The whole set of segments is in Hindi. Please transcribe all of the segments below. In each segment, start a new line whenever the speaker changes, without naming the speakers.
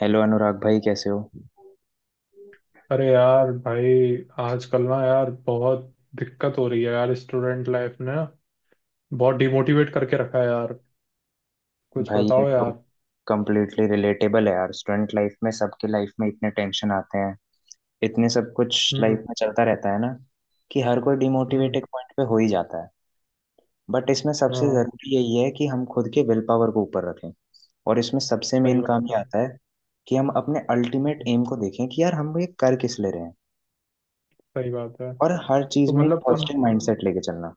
हेलो अनुराग भाई, कैसे हो?
अरे यार भाई। आजकल ना यार बहुत दिक्कत हो रही है यार। स्टूडेंट लाइफ ने बहुत डिमोटिवेट करके रखा है यार। कुछ
भाई, ये
बताओ
तो
यार।
कम्प्लीटली रिलेटेबल है यार। स्टूडेंट लाइफ में, सबके लाइफ में इतने टेंशन आते हैं, इतने सब कुछ
हम्म।
लाइफ में चलता रहता है ना, कि हर कोई
हम्म।
डिमोटिवेट एक पॉइंट पे हो ही जाता है। बट इसमें सबसे
हाँ,
ज़रूरी यही है कि हम खुद के विल पावर को ऊपर रखें। और इसमें सबसे
सही
मेन काम
बात है।
ये आता है कि हम अपने अल्टीमेट
हम्म,
एम को देखें कि यार, हम ये कर किस ले रहे हैं।
सही बात है।
और हर
तो
चीज़ में एक
मतलब तुम
पॉजिटिव माइंडसेट लेके चलना।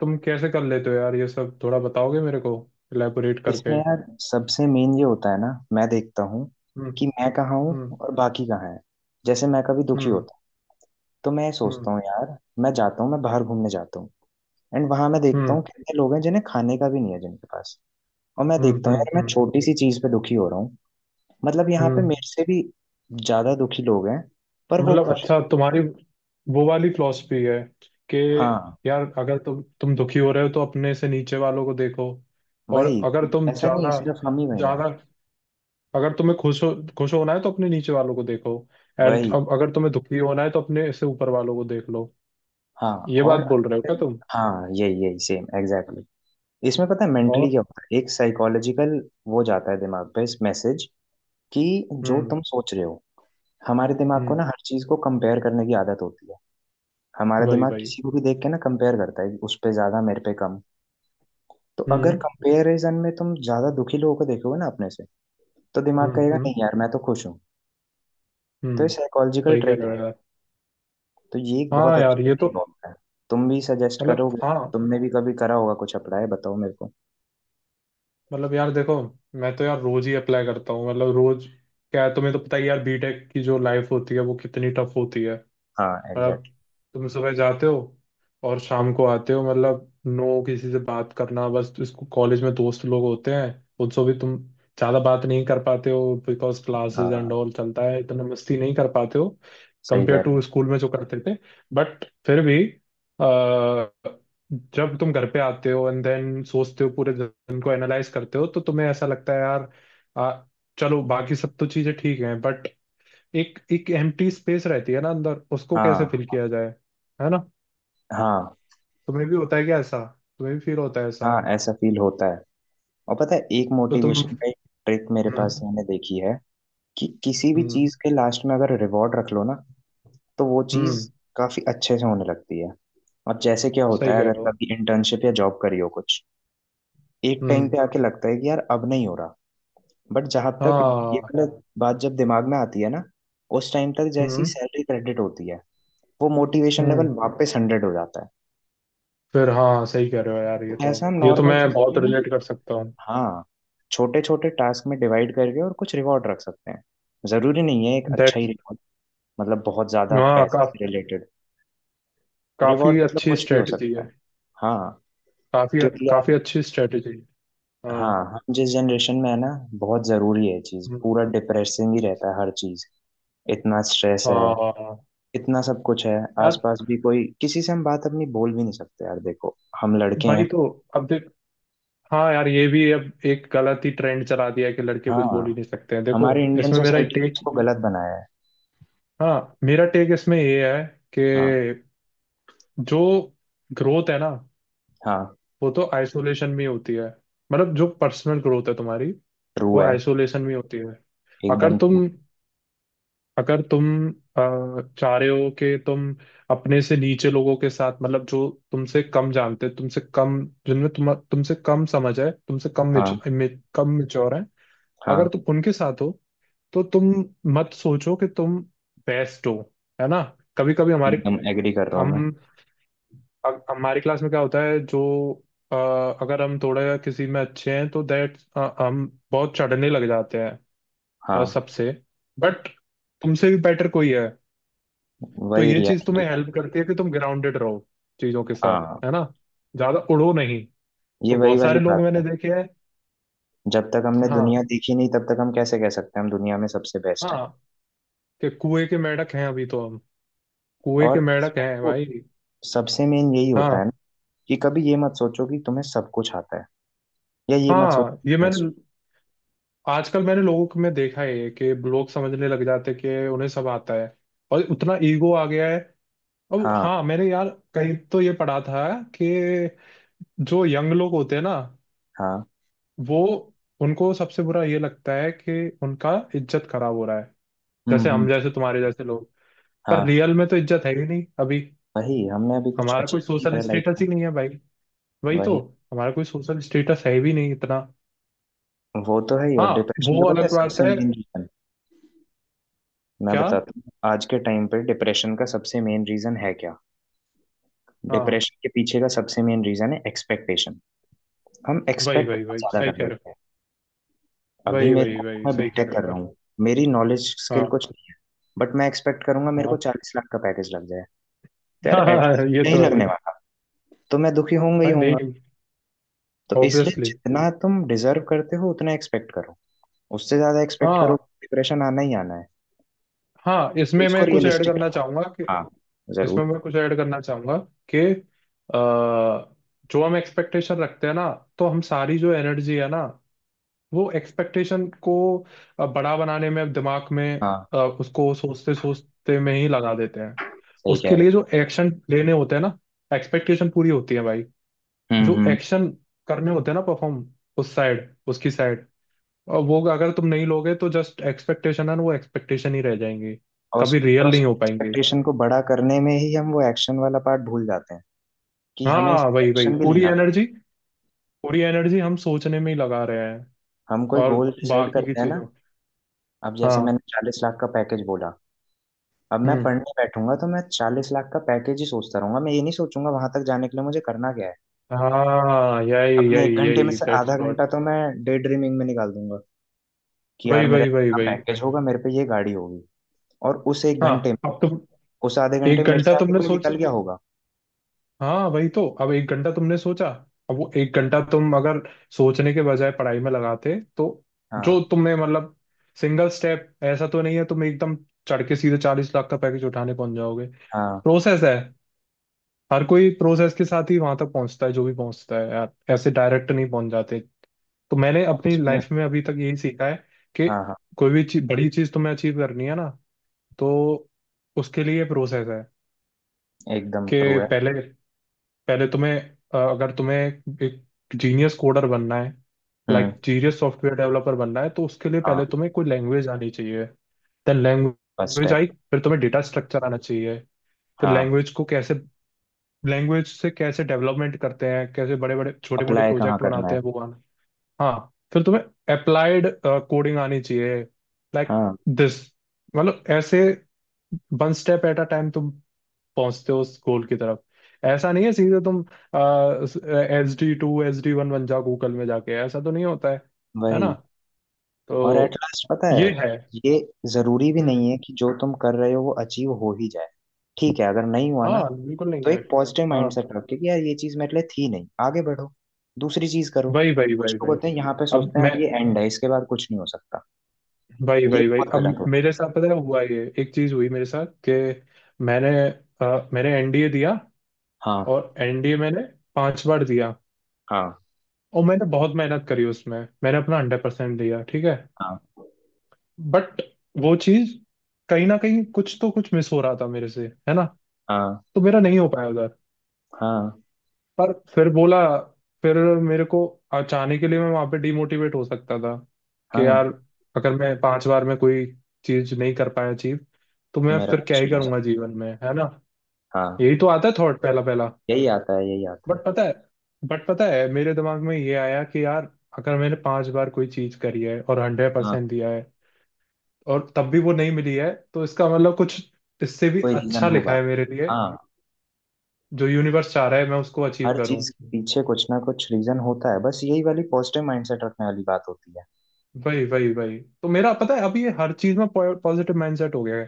तुम कैसे कर लेते हो यार ये सब? थोड़ा बताओगे मेरे को इलेबोरेट
इसमें
करके।
यार सबसे मेन ये होता है ना, मैं देखता हूँ
हम्म।
कि मैं कहाँ हूँ
हम्म।
और बाकी कहाँ है। जैसे मैं कभी दुखी
हम्म।
होता हूँ, तो मैं ये सोचता
हम्म।
हूँ यार, मैं जाता हूँ, मैं बाहर घूमने जाता हूँ। एंड वहां मैं देखता हूँ
हम्म।
कितने लोग हैं जिन्हें खाने का भी नहीं है जिनके पास। और मैं
हम्म।
देखता हूँ
हम्म।
यार, मैं
हम्म।
छोटी सी चीज पे दुखी हो रहा हूँ। मतलब यहाँ पे
हम्म।
मेरे से भी ज्यादा दुखी लोग हैं, पर वो
मतलब
खुश
अच्छा, तुम्हारी वो वाली फिलॉसफी है कि
हैं। हाँ,
यार अगर तुम दुखी हो रहे हो तो अपने से नीचे वालों को देखो, और
वही।
अगर तुम
ऐसा नहीं है
ज्यादा
सिर्फ हम ही वही हैं।
ज्यादा अगर तुम्हें खुश होना है तो अपने नीचे वालों को देखो, एंड
वही,
अब अगर तुम्हें दुखी होना है तो अपने से ऊपर वालों को देख लो,
हाँ।
ये
और
बात बोल रहे हो क्या तुम?
हाँ, यही यही सेम एग्जैक्टली। इसमें पता है मेंटली
और।
क्या होता है, एक साइकोलॉजिकल, वो जाता है दिमाग पे इस मैसेज कि जो
हम्म।
तुम सोच रहे हो, हमारे दिमाग को
हम्म।
ना हर चीज को कंपेयर करने की आदत होती है। हमारा
वही
दिमाग
वही।
किसी को भी देख के ना कंपेयर करता है कि उस पे ज्यादा, मेरे पे कम। तो अगर
हम्म।
कंपेरिजन में तुम ज्यादा दुखी लोगों को देखोगे ना अपने से, तो दिमाग
हम्म।
कहेगा
हम्म।
नहीं यार, मैं तो खुश हूँ। तो ये
हम्म।
साइकोलॉजिकल
सही कह
ट्रिक
रहे हो
है।
यार।
तो ये एक बहुत
हाँ यार,
अच्छा
ये तो।
तरीका होता है। तुम भी सजेस्ट
मतलब
करोगे,
हाँ।
तुमने भी कभी करा होगा कुछ अप्लाई, बताओ मेरे को।
मतलब यार देखो, मैं तो यार रोज ही अप्लाई करता हूँ, मतलब रोज। क्या है, तुम्हें तो पता ही है यार, बीटेक की जो लाइफ होती है वो कितनी टफ होती है।
हाँ
मतलब
एग्जैक्टली।
तुम सुबह जाते हो और शाम को आते हो, मतलब नो किसी से बात करना। बस इसको, कॉलेज में दोस्त लोग होते हैं, उनसे भी तुम ज्यादा बात नहीं कर पाते हो बिकॉज क्लासेस एंड
हाँ
ऑल चलता है, इतना मस्ती नहीं कर पाते हो
सही
कंपेयर
कह रहे
टू
हो।
स्कूल में जो करते थे। बट फिर भी अ, जब तुम घर पे आते हो एंड देन सोचते हो, पूरे दिन को एनालाइज करते हो, तो तुम्हें ऐसा लगता है यार, आ, चलो बाकी सब तो चीजें ठीक हैं, बट एक एक एम्प्टी स्पेस रहती है ना अंदर, उसको कैसे
हाँ,
फिल किया जाए? है ना?
हाँ,
तुम्हें भी होता है क्या ऐसा? तुम्हें भी फील होता है ऐसा?
हाँ, ऐसा फील होता है। और पता है एक
तो तुम।
मोटिवेशन का एक ट्रिक मेरे पास,
हम्म।
मैंने देखी है कि किसी भी
हम्म।
चीज के लास्ट में अगर रिवॉर्ड रख लो ना, तो वो
हम्म।
चीज काफी अच्छे से होने लगती है। और जैसे क्या
सही
होता है,
कह
अगर
रहे हो।
कभी इंटर्नशिप या जॉब करी हो कुछ, एक टाइम
हम्म।
पे आके लगता है कि यार अब नहीं हो रहा। बट जहां तक ये
हाँ।
गलत बात जब दिमाग में आती है ना, उस टाइम तक जैसी
हम्म।
सैलरी क्रेडिट होती है, वो मोटिवेशन लेवल
हम्म।
वापस 100 हो जाता है।
फिर हाँ, सही कह रहे हो यार, ये तो।
ऐसा हम
ये तो
नॉर्मल
मैं
चीजों में
बहुत
ना,
रिलेट कर सकता हूँ।
हाँ, छोटे छोटे टास्क में डिवाइड करके और कुछ रिवॉर्ड रख सकते हैं। जरूरी नहीं है एक अच्छा ही
दैट।
रिवॉर्ड, मतलब बहुत ज्यादा
हाँ
पैसे से रिलेटेड।
काफी
रिवॉर्ड मतलब
अच्छी
कुछ भी हो
स्ट्रेटजी
सकता
है।
है। हाँ,
काफी
क्योंकि यार,
काफी अच्छी स्ट्रेटजी। हाँ।
हाँ, हम जिस जनरेशन में है ना, बहुत जरूरी है ये चीज,
हम्म,
पूरा डिप्रेसिंग ही रहता है हर चीज। इतना स्ट्रेस है,
हाँ। हाँ, हाँ।
इतना सब कुछ है,
यार।
आसपास भी कोई किसी से हम बात अपनी बोल भी नहीं सकते यार। देखो, हम लड़के
भाई
हैं।
तो अब देख, हाँ यार, ये भी अब एक गलत ही ट्रेंड चला दिया है कि लड़के कुछ बोल ही
हाँ,
नहीं सकते हैं, देखो।
हमारे इंडियन
इसमें मेरा
सोसाइटी ने
टेक,
इसको गलत बनाया है।
हाँ, मेरा टेक इसमें ये है
हाँ,
कि जो ग्रोथ है ना,
हाँ,
वो तो आइसोलेशन में होती है। मतलब जो पर्सनल ग्रोथ है तुम्हारी,
ट्रू
वो
है।
आइसोलेशन में होती है। अगर
एकदम
तुम
ट्रू।
अगर तुम चाह रहे हो कि तुम अपने से नीचे लोगों के साथ, मतलब जो तुमसे कम जानते हैं, तुमसे कम, जिनमें तुमसे कम समझ है, तुमसे कम
हाँ,
कम मेच्योर है, अगर
हाँ,
तुम उनके साथ हो तो तुम मत सोचो कि तुम बेस्ट हो। है ना? कभी कभी हमारे,
एकदम एग्री कर रहा हूँ मैं।
हम हमारी क्लास में क्या होता है, अ, अगर हम थोड़े किसी में अच्छे हैं तो दैट हम बहुत चढ़ने लग जाते हैं। अ,
हाँ,
सबसे बट तुमसे भी बेटर कोई है, तो
वही
ये चीज
रियलिटी
तुम्हें
है।
हेल्प करती है कि तुम ग्राउंडेड रहो चीजों के साथ।
हाँ,
है ना? ज्यादा उड़ो नहीं।
ये
तो
वही
बहुत
वाली
सारे लोग
बात
मैंने
है।
देखे हैं।
जब तक हमने दुनिया
हाँ,
देखी नहीं, तब तक हम कैसे कह सकते हैं हम दुनिया में सबसे बेस्ट हैं।
हाँ, कि कुएं के मेंढक हैं अभी तो हम। कुएं
और
के मेंढक
इसमें
हैं
तो
भाई।
सबसे मेन यही होता है ना,
हाँ।
कि कभी ये मत सोचो कि तुम्हें सब कुछ आता है, या ये मत सोचो
हाँ,
कि
ये
मैं बेस्ट।
मैंने, आजकल मैंने लोगों को में देखा है कि लोग समझने लग जाते हैं कि उन्हें सब आता है, और उतना ईगो आ गया है। अब
हाँ,
हाँ, मैंने यार कहीं तो ये पढ़ा था कि जो यंग लोग होते हैं ना,
हाँ।
वो उनको सबसे बुरा ये लगता है कि उनका इज्जत खराब हो रहा है, जैसे
हम्म।
हम जैसे, तुम्हारे जैसे लोग। पर
हाँ,
रियल में तो इज्जत है ही नहीं अभी।
वही। हमने अभी कुछ
हमारा
अच्छा
कोई
नहीं
सोशल
करा लाइफ
स्टेटस
में।
ही नहीं है भाई। वही तो।
वही।
हमारा कोई सोशल स्टेटस है भी नहीं इतना।
वो तो है ही। और
हाँ,
डिप्रेशन
वो
का पता है
अलग बात
सबसे
है।
मेन रीजन, मैं
क्या?
बताता हूँ। आज के टाइम पे डिप्रेशन का सबसे मेन रीजन है क्या?
हाँ,
डिप्रेशन के पीछे का सबसे मेन रीजन है एक्सपेक्टेशन। हम
वही
एक्सपेक्ट
वही
बहुत
वही,
ज्यादा
सही
कर
कह रहे
लेते हैं।
हो।
अभी
वही
मेरे
वही
को,
वही,
मैं
सही कह
बीटेक
रहे
कर
हो
रहा
यार।
हूँ, मेरी नॉलेज स्किल
हाँ,
कुछ नहीं है, बट मैं एक्सपेक्ट करूंगा
हाँ,
मेरे को
हाँ।
40 लाख का पैकेज लग जाए। तो यार
हाँ, हाँ,
एटलीस्ट
ये
नहीं
तो है
लगने
ही।
वाला। तो मैं दुखी होऊंगा ही
भाई
होऊंगा।
नहीं।
तो इसलिए
ऑब्वियसली।
जितना तुम डिजर्व करते हो उतना एक्सपेक्ट करो। उससे ज्यादा एक्सपेक्ट करो,
हाँ,
डिप्रेशन आना ही आना है।
हाँ।
तो
इसमें
उसको
मैं कुछ ऐड
रियलिस्टिक
करना
रखो।
चाहूंगा कि।
हाँ,
इसमें
जरूर।
मैं कुछ ऐड करना चाहूंगा कि जो हम एक्सपेक्टेशन रखते हैं ना, तो हम सारी जो एनर्जी है ना, वो एक्सपेक्टेशन को बड़ा बनाने में, दिमाग में
हाँ
उसको सोचते सोचते में ही लगा देते हैं।
सही
उसके
कह
लिए
रहे
जो एक्शन लेने होते हैं ना एक्सपेक्टेशन पूरी होती है भाई,
हो।
जो
हम्म।
एक्शन करने होते हैं ना परफॉर्म उस साइड उसकी साइड, और वो अगर तुम नहीं लोगे तो जस्ट एक्सपेक्टेशन है ना, वो एक्सपेक्टेशन ही रह जाएंगे,
और
कभी रियल नहीं हो पाएंगे।
एक्सपेक्टेशन को बड़ा करने में ही हम वो एक्शन वाला पार्ट भूल जाते हैं, कि हमें इस
हाँ,
पे
वही वही।
एक्शन भी
पूरी
लेना था।
एनर्जी, पूरी एनर्जी हम सोचने में ही लगा रहे हैं।
हम कोई
और
गोल डिसाइड
बाकी की
करते हैं ना,
चीजों।
अब जैसे मैंने
हाँ।
40 लाख का पैकेज बोला, अब मैं
हम्म।
पढ़ने बैठूंगा तो मैं 40 लाख का पैकेज ही सोचता रहूंगा। मैं ये नहीं सोचूंगा वहां तक जाने के लिए मुझे करना क्या है।
हाँ, यही
अपने एक
यही
घंटे में
यही,
से
दैट्स
आधा
व्हाट।
घंटा तो मैं डे ड्रीमिंग में निकाल दूंगा कि यार
वही
मेरा
वही वही
इतना
वही।
पैकेज होगा, मेरे पे ये गाड़ी होगी। और उस एक
हाँ।
घंटे में,
अब तुम
उस आधे घंटे
एक
में मेरे
घंटा
से आगे
तुमने
कोई
सोच
निकल गया होगा।
हाँ, वही तो, अब एक घंटा तुमने सोचा, अब वो एक घंटा तुम अगर सोचने के बजाय पढ़ाई में लगाते तो,
हाँ,
जो तुम्हें मतलब, सिंगल स्टेप ऐसा तो नहीं है तुम एकदम चढ़ के सीधे 40 लाख का पैकेज उठाने पहुंच जाओगे।
हाँ,
प्रोसेस है। हर कोई प्रोसेस के साथ ही वहां तक पहुंचता है जो भी पहुंचता है यार, ऐसे डायरेक्ट नहीं पहुंच जाते। तो मैंने अपनी
इसमें
लाइफ में अभी तक यही सीखा है, कि
हाँ, हाँ,
कोई भी चीज बड़ी चीज तुम्हें अचीव करनी है ना, तो उसके लिए प्रोसेस है।
एकदम ट्रू
कि
है।
पहले पहले तुम्हें अ, अगर तुम्हें एक जीनियस कोडर बनना है,
हम्म।
लाइक जीनियस सॉफ्टवेयर डेवलपर बनना है, तो उसके लिए पहले
हाँ,
तुम्हें कोई लैंग्वेज आनी चाहिए। देन
फर्स्ट
लैंग्वेज आई।
स्टेप।
फिर तुम्हें डेटा स्ट्रक्चर आना चाहिए। फिर
हाँ,
लैंग्वेज से कैसे डेवलपमेंट करते हैं, कैसे बड़े बड़े छोटे मोटे
अप्लाई कहाँ
प्रोजेक्ट
करना
बनाते
है।
हैं वो आना। हाँ फिर तुम्हें अप्लाइड कोडिंग आनी चाहिए, लाइक
हाँ,
दिस, मतलब ऐसे one step at a time तुम पहुंचते हो उस गोल की तरफ। ऐसा नहीं है सीधे तुम S D two S D one बन जाओ गूगल में जाके, ऐसा तो नहीं होता है। है ना?
वही। और एट
तो
लास्ट पता है,
ये है।
ये जरूरी भी
हम्म।
नहीं है कि जो तुम कर रहे हो वो अचीव हो ही जाए। ठीक है, अगर नहीं हुआ ना,
हाँ, बिल्कुल नहीं
तो
है।
एक पॉजिटिव
हाँ,
माइंड सेट रख के कि यार ये चीज मेरे लिए थी नहीं, आगे बढ़ो, दूसरी चीज करो।
वही वही
कुछ
वही
लोग
वही।
होते हैं यहाँ पे
अब
सोचते हैं
मैं
अब ये एंड है, इसके बाद कुछ नहीं हो सकता,
वही
ये
वही वही,
बहुत गलत
अब
हो।
मेरे साथ पता है हुआ, ये एक चीज हुई मेरे साथ कि मैंने मैंने एनडीए दिया,
हाँ,
और एनडीए मैंने 5 बार दिया,
हाँ,
और मैंने बहुत मेहनत करी उसमें, मैंने अपना 100% दिया, ठीक है।
हाँ,
बट वो चीज, कहीं ना कहीं कुछ तो कुछ मिस हो रहा था मेरे से, है ना?
हाँ,
तो मेरा नहीं हो पाया उधर।
हाँ,
पर फिर बोला, फिर मेरे को चाहने के लिए मैं वहां पे डिमोटिवेट हो सकता था कि
हाँ,
यार, अगर मैं 5 बार में कोई चीज नहीं कर पाया अचीव, तो मैं
मेरा
फिर क्या
कुछ
ही
नहीं हो
करूंगा
सकता।
जीवन में, है ना?
हाँ,
यही तो आता है थॉट, पहला पहला।
यही आता है, यही आता है।
बट पता है बट पता है मेरे दिमाग में ये आया कि यार, अगर मैंने 5 बार कोई चीज करी है और हंड्रेड
हाँ,
परसेंट दिया है, और तब भी वो नहीं मिली है, तो इसका मतलब कुछ इससे भी
कोई रीजन
अच्छा लिखा
होगा।
है मेरे लिए,
हाँ,
जो यूनिवर्स चाह रहा है मैं उसको अचीव
हर
करूं।
चीज के पीछे कुछ ना कुछ रीजन होता है, बस यही वाली पॉजिटिव माइंडसेट रखने वाली बात होती है।
वही वही वही, तो मेरा पता है अभी ये हर चीज में पॉजिटिव माइंडसेट हो गया है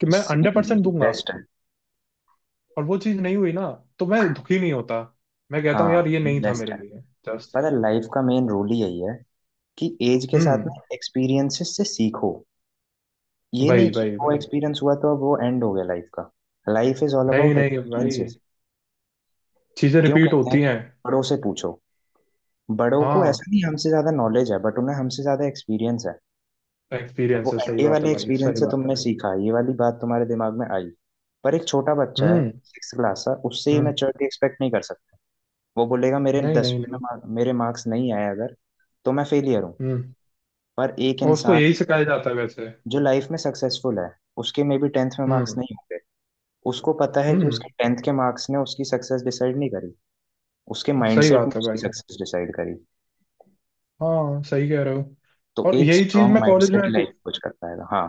कि मैं हंड्रेड
सेम,
परसेंट
ये
दूंगा,
बेस्ट है।
और वो चीज नहीं हुई ना, तो मैं दुखी नहीं होता, मैं कहता हूँ
हाँ,
यार, ये
ये
नहीं था
बेस्ट
मेरे
है।
लिए।
पता
जस्ट।
है लाइफ का मेन रोल ही यही है, कि एज के साथ
हम्म।
में एक्सपीरियंसेस से सीखो। ये नहीं
वही
कि
वही
वो
वही।
एक्सपीरियंस हुआ तो अब वो एंड हो गया लाइफ का। लाइफ इज ऑल
नहीं
अबाउट
नहीं भाई,
एक्सपीरियंसेस।
चीजें
क्यों
रिपीट
कहते हैं
होती
कि
हैं।
बड़ों से पूछो? बड़ों को ऐसा
हाँ,
नहीं हमसे ज्यादा नॉलेज है, बट उन्हें हमसे ज्यादा एक्सपीरियंस है। अब वो
एक्सपीरियंस है, सही
एनडीए
बात है
वाले
भाई,
एक्सपीरियंस
सही
से
बात है।
तुमने सीखा, ये वाली बात तुम्हारे दिमाग में आई। पर एक छोटा बच्चा है
हम्म।
6 क्लास का, उससे ये
हम्म।
मैच्योरिटी एक्सपेक्ट नहीं कर सकता। वो बोलेगा मेरे
नहीं, नहीं,
10वीं में
नहीं।
मेरे मार्क्स नहीं आए, अगर तो मैं फेलियर हूँ।
हम्म।
पर एक
और उसको
इंसान
यही सिखाया जाता है वैसे।
जो लाइफ में सक्सेसफुल है, उसके में भी 10th में मार्क्स
हम्म।
नहीं होंगे। उसको पता है कि
हम्म।
उसके 10th के मार्क्स ने उसकी सक्सेस डिसाइड नहीं करी, उसके
सही
माइंडसेट ने
बात है
उसकी
भाई।
सक्सेस डिसाइड करी।
हाँ, सही कह रहे हो।
तो
और
एक
यही चीज
स्ट्रांग
मैं कॉलेज में
माइंडसेट
अप्ल-
लाइफ कुछ कर पाएगा। हाँ,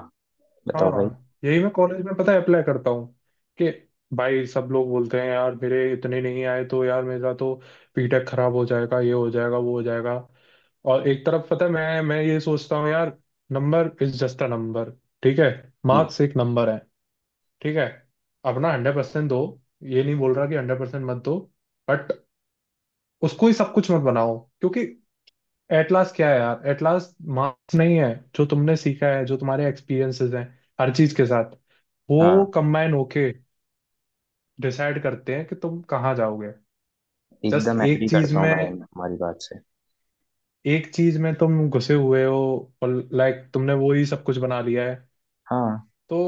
बताओ भाई।
हाँ, यही मैं कॉलेज में पता है अप्लाई करता हूँ, कि भाई सब लोग बोलते हैं यार, मेरे इतने नहीं आए तो यार मेरा तो पीटेक खराब हो जाएगा, ये हो जाएगा, वो हो जाएगा। और एक तरफ पता है मैं ये सोचता हूँ यार, number is just a number, ठीक है।
जी।
मार्क्स एक नंबर है, ठीक है। अपना हंड्रेड परसेंट दो, ये नहीं बोल रहा कि 100% मत दो, बट उसको ही सब कुछ मत बनाओ, क्योंकि एटलास क्या है यार? एटलास मार्क्स नहीं है। जो तुमने सीखा है, जो तुम्हारे एक्सपीरियंसेस हैं हर चीज के साथ, वो
हाँ,
कंबाइन होके डिसाइड करते हैं कि तुम कहाँ जाओगे। जस्ट
एकदम एग्री
एक चीज
करता हूँ
में
भाई, मैं तुम्हारी बात से।
एक चीज में तुम घुसे हुए हो, और लाइक तुमने वो ही सब कुछ बना लिया है,
हाँ,
तो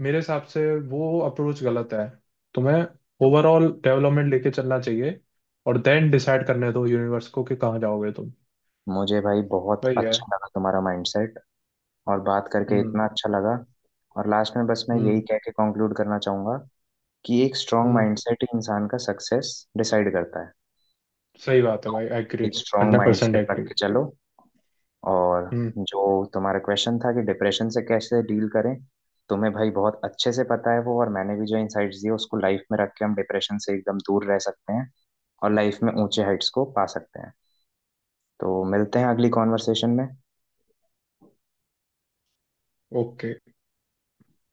मेरे हिसाब से वो अप्रोच गलत है। तुम्हें ओवरऑल डेवलपमेंट लेके चलना चाहिए, और देन डिसाइड करने दो यूनिवर्स को कि कहाँ जाओगे तुम।
मुझे भाई बहुत
वही है।
अच्छा लगा तुम्हारा माइंडसेट, और बात करके
हम्म।
इतना अच्छा लगा। और लास्ट में बस मैं यही
हम्म।
कह के कंक्लूड करना चाहूंगा, कि एक स्ट्रांग
हम्म।
माइंडसेट ही इंसान का सक्सेस डिसाइड करता है।
सही बात है भाई, एग्री।
एक स्ट्रांग
100%
माइंडसेट रख
एग्री।
के चलो। और
हम्म।
जो तुम्हारा क्वेश्चन था कि डिप्रेशन से कैसे डील करें, तुम्हें भाई बहुत अच्छे से पता है वो, और मैंने भी जो इनसाइट्स दिए, उसको लाइफ में रख के हम डिप्रेशन से एकदम दूर रह सकते हैं, और लाइफ में ऊंचे हाइट्स को पा सकते हैं। तो मिलते हैं अगली कॉन्वर्सेशन में।
ओके।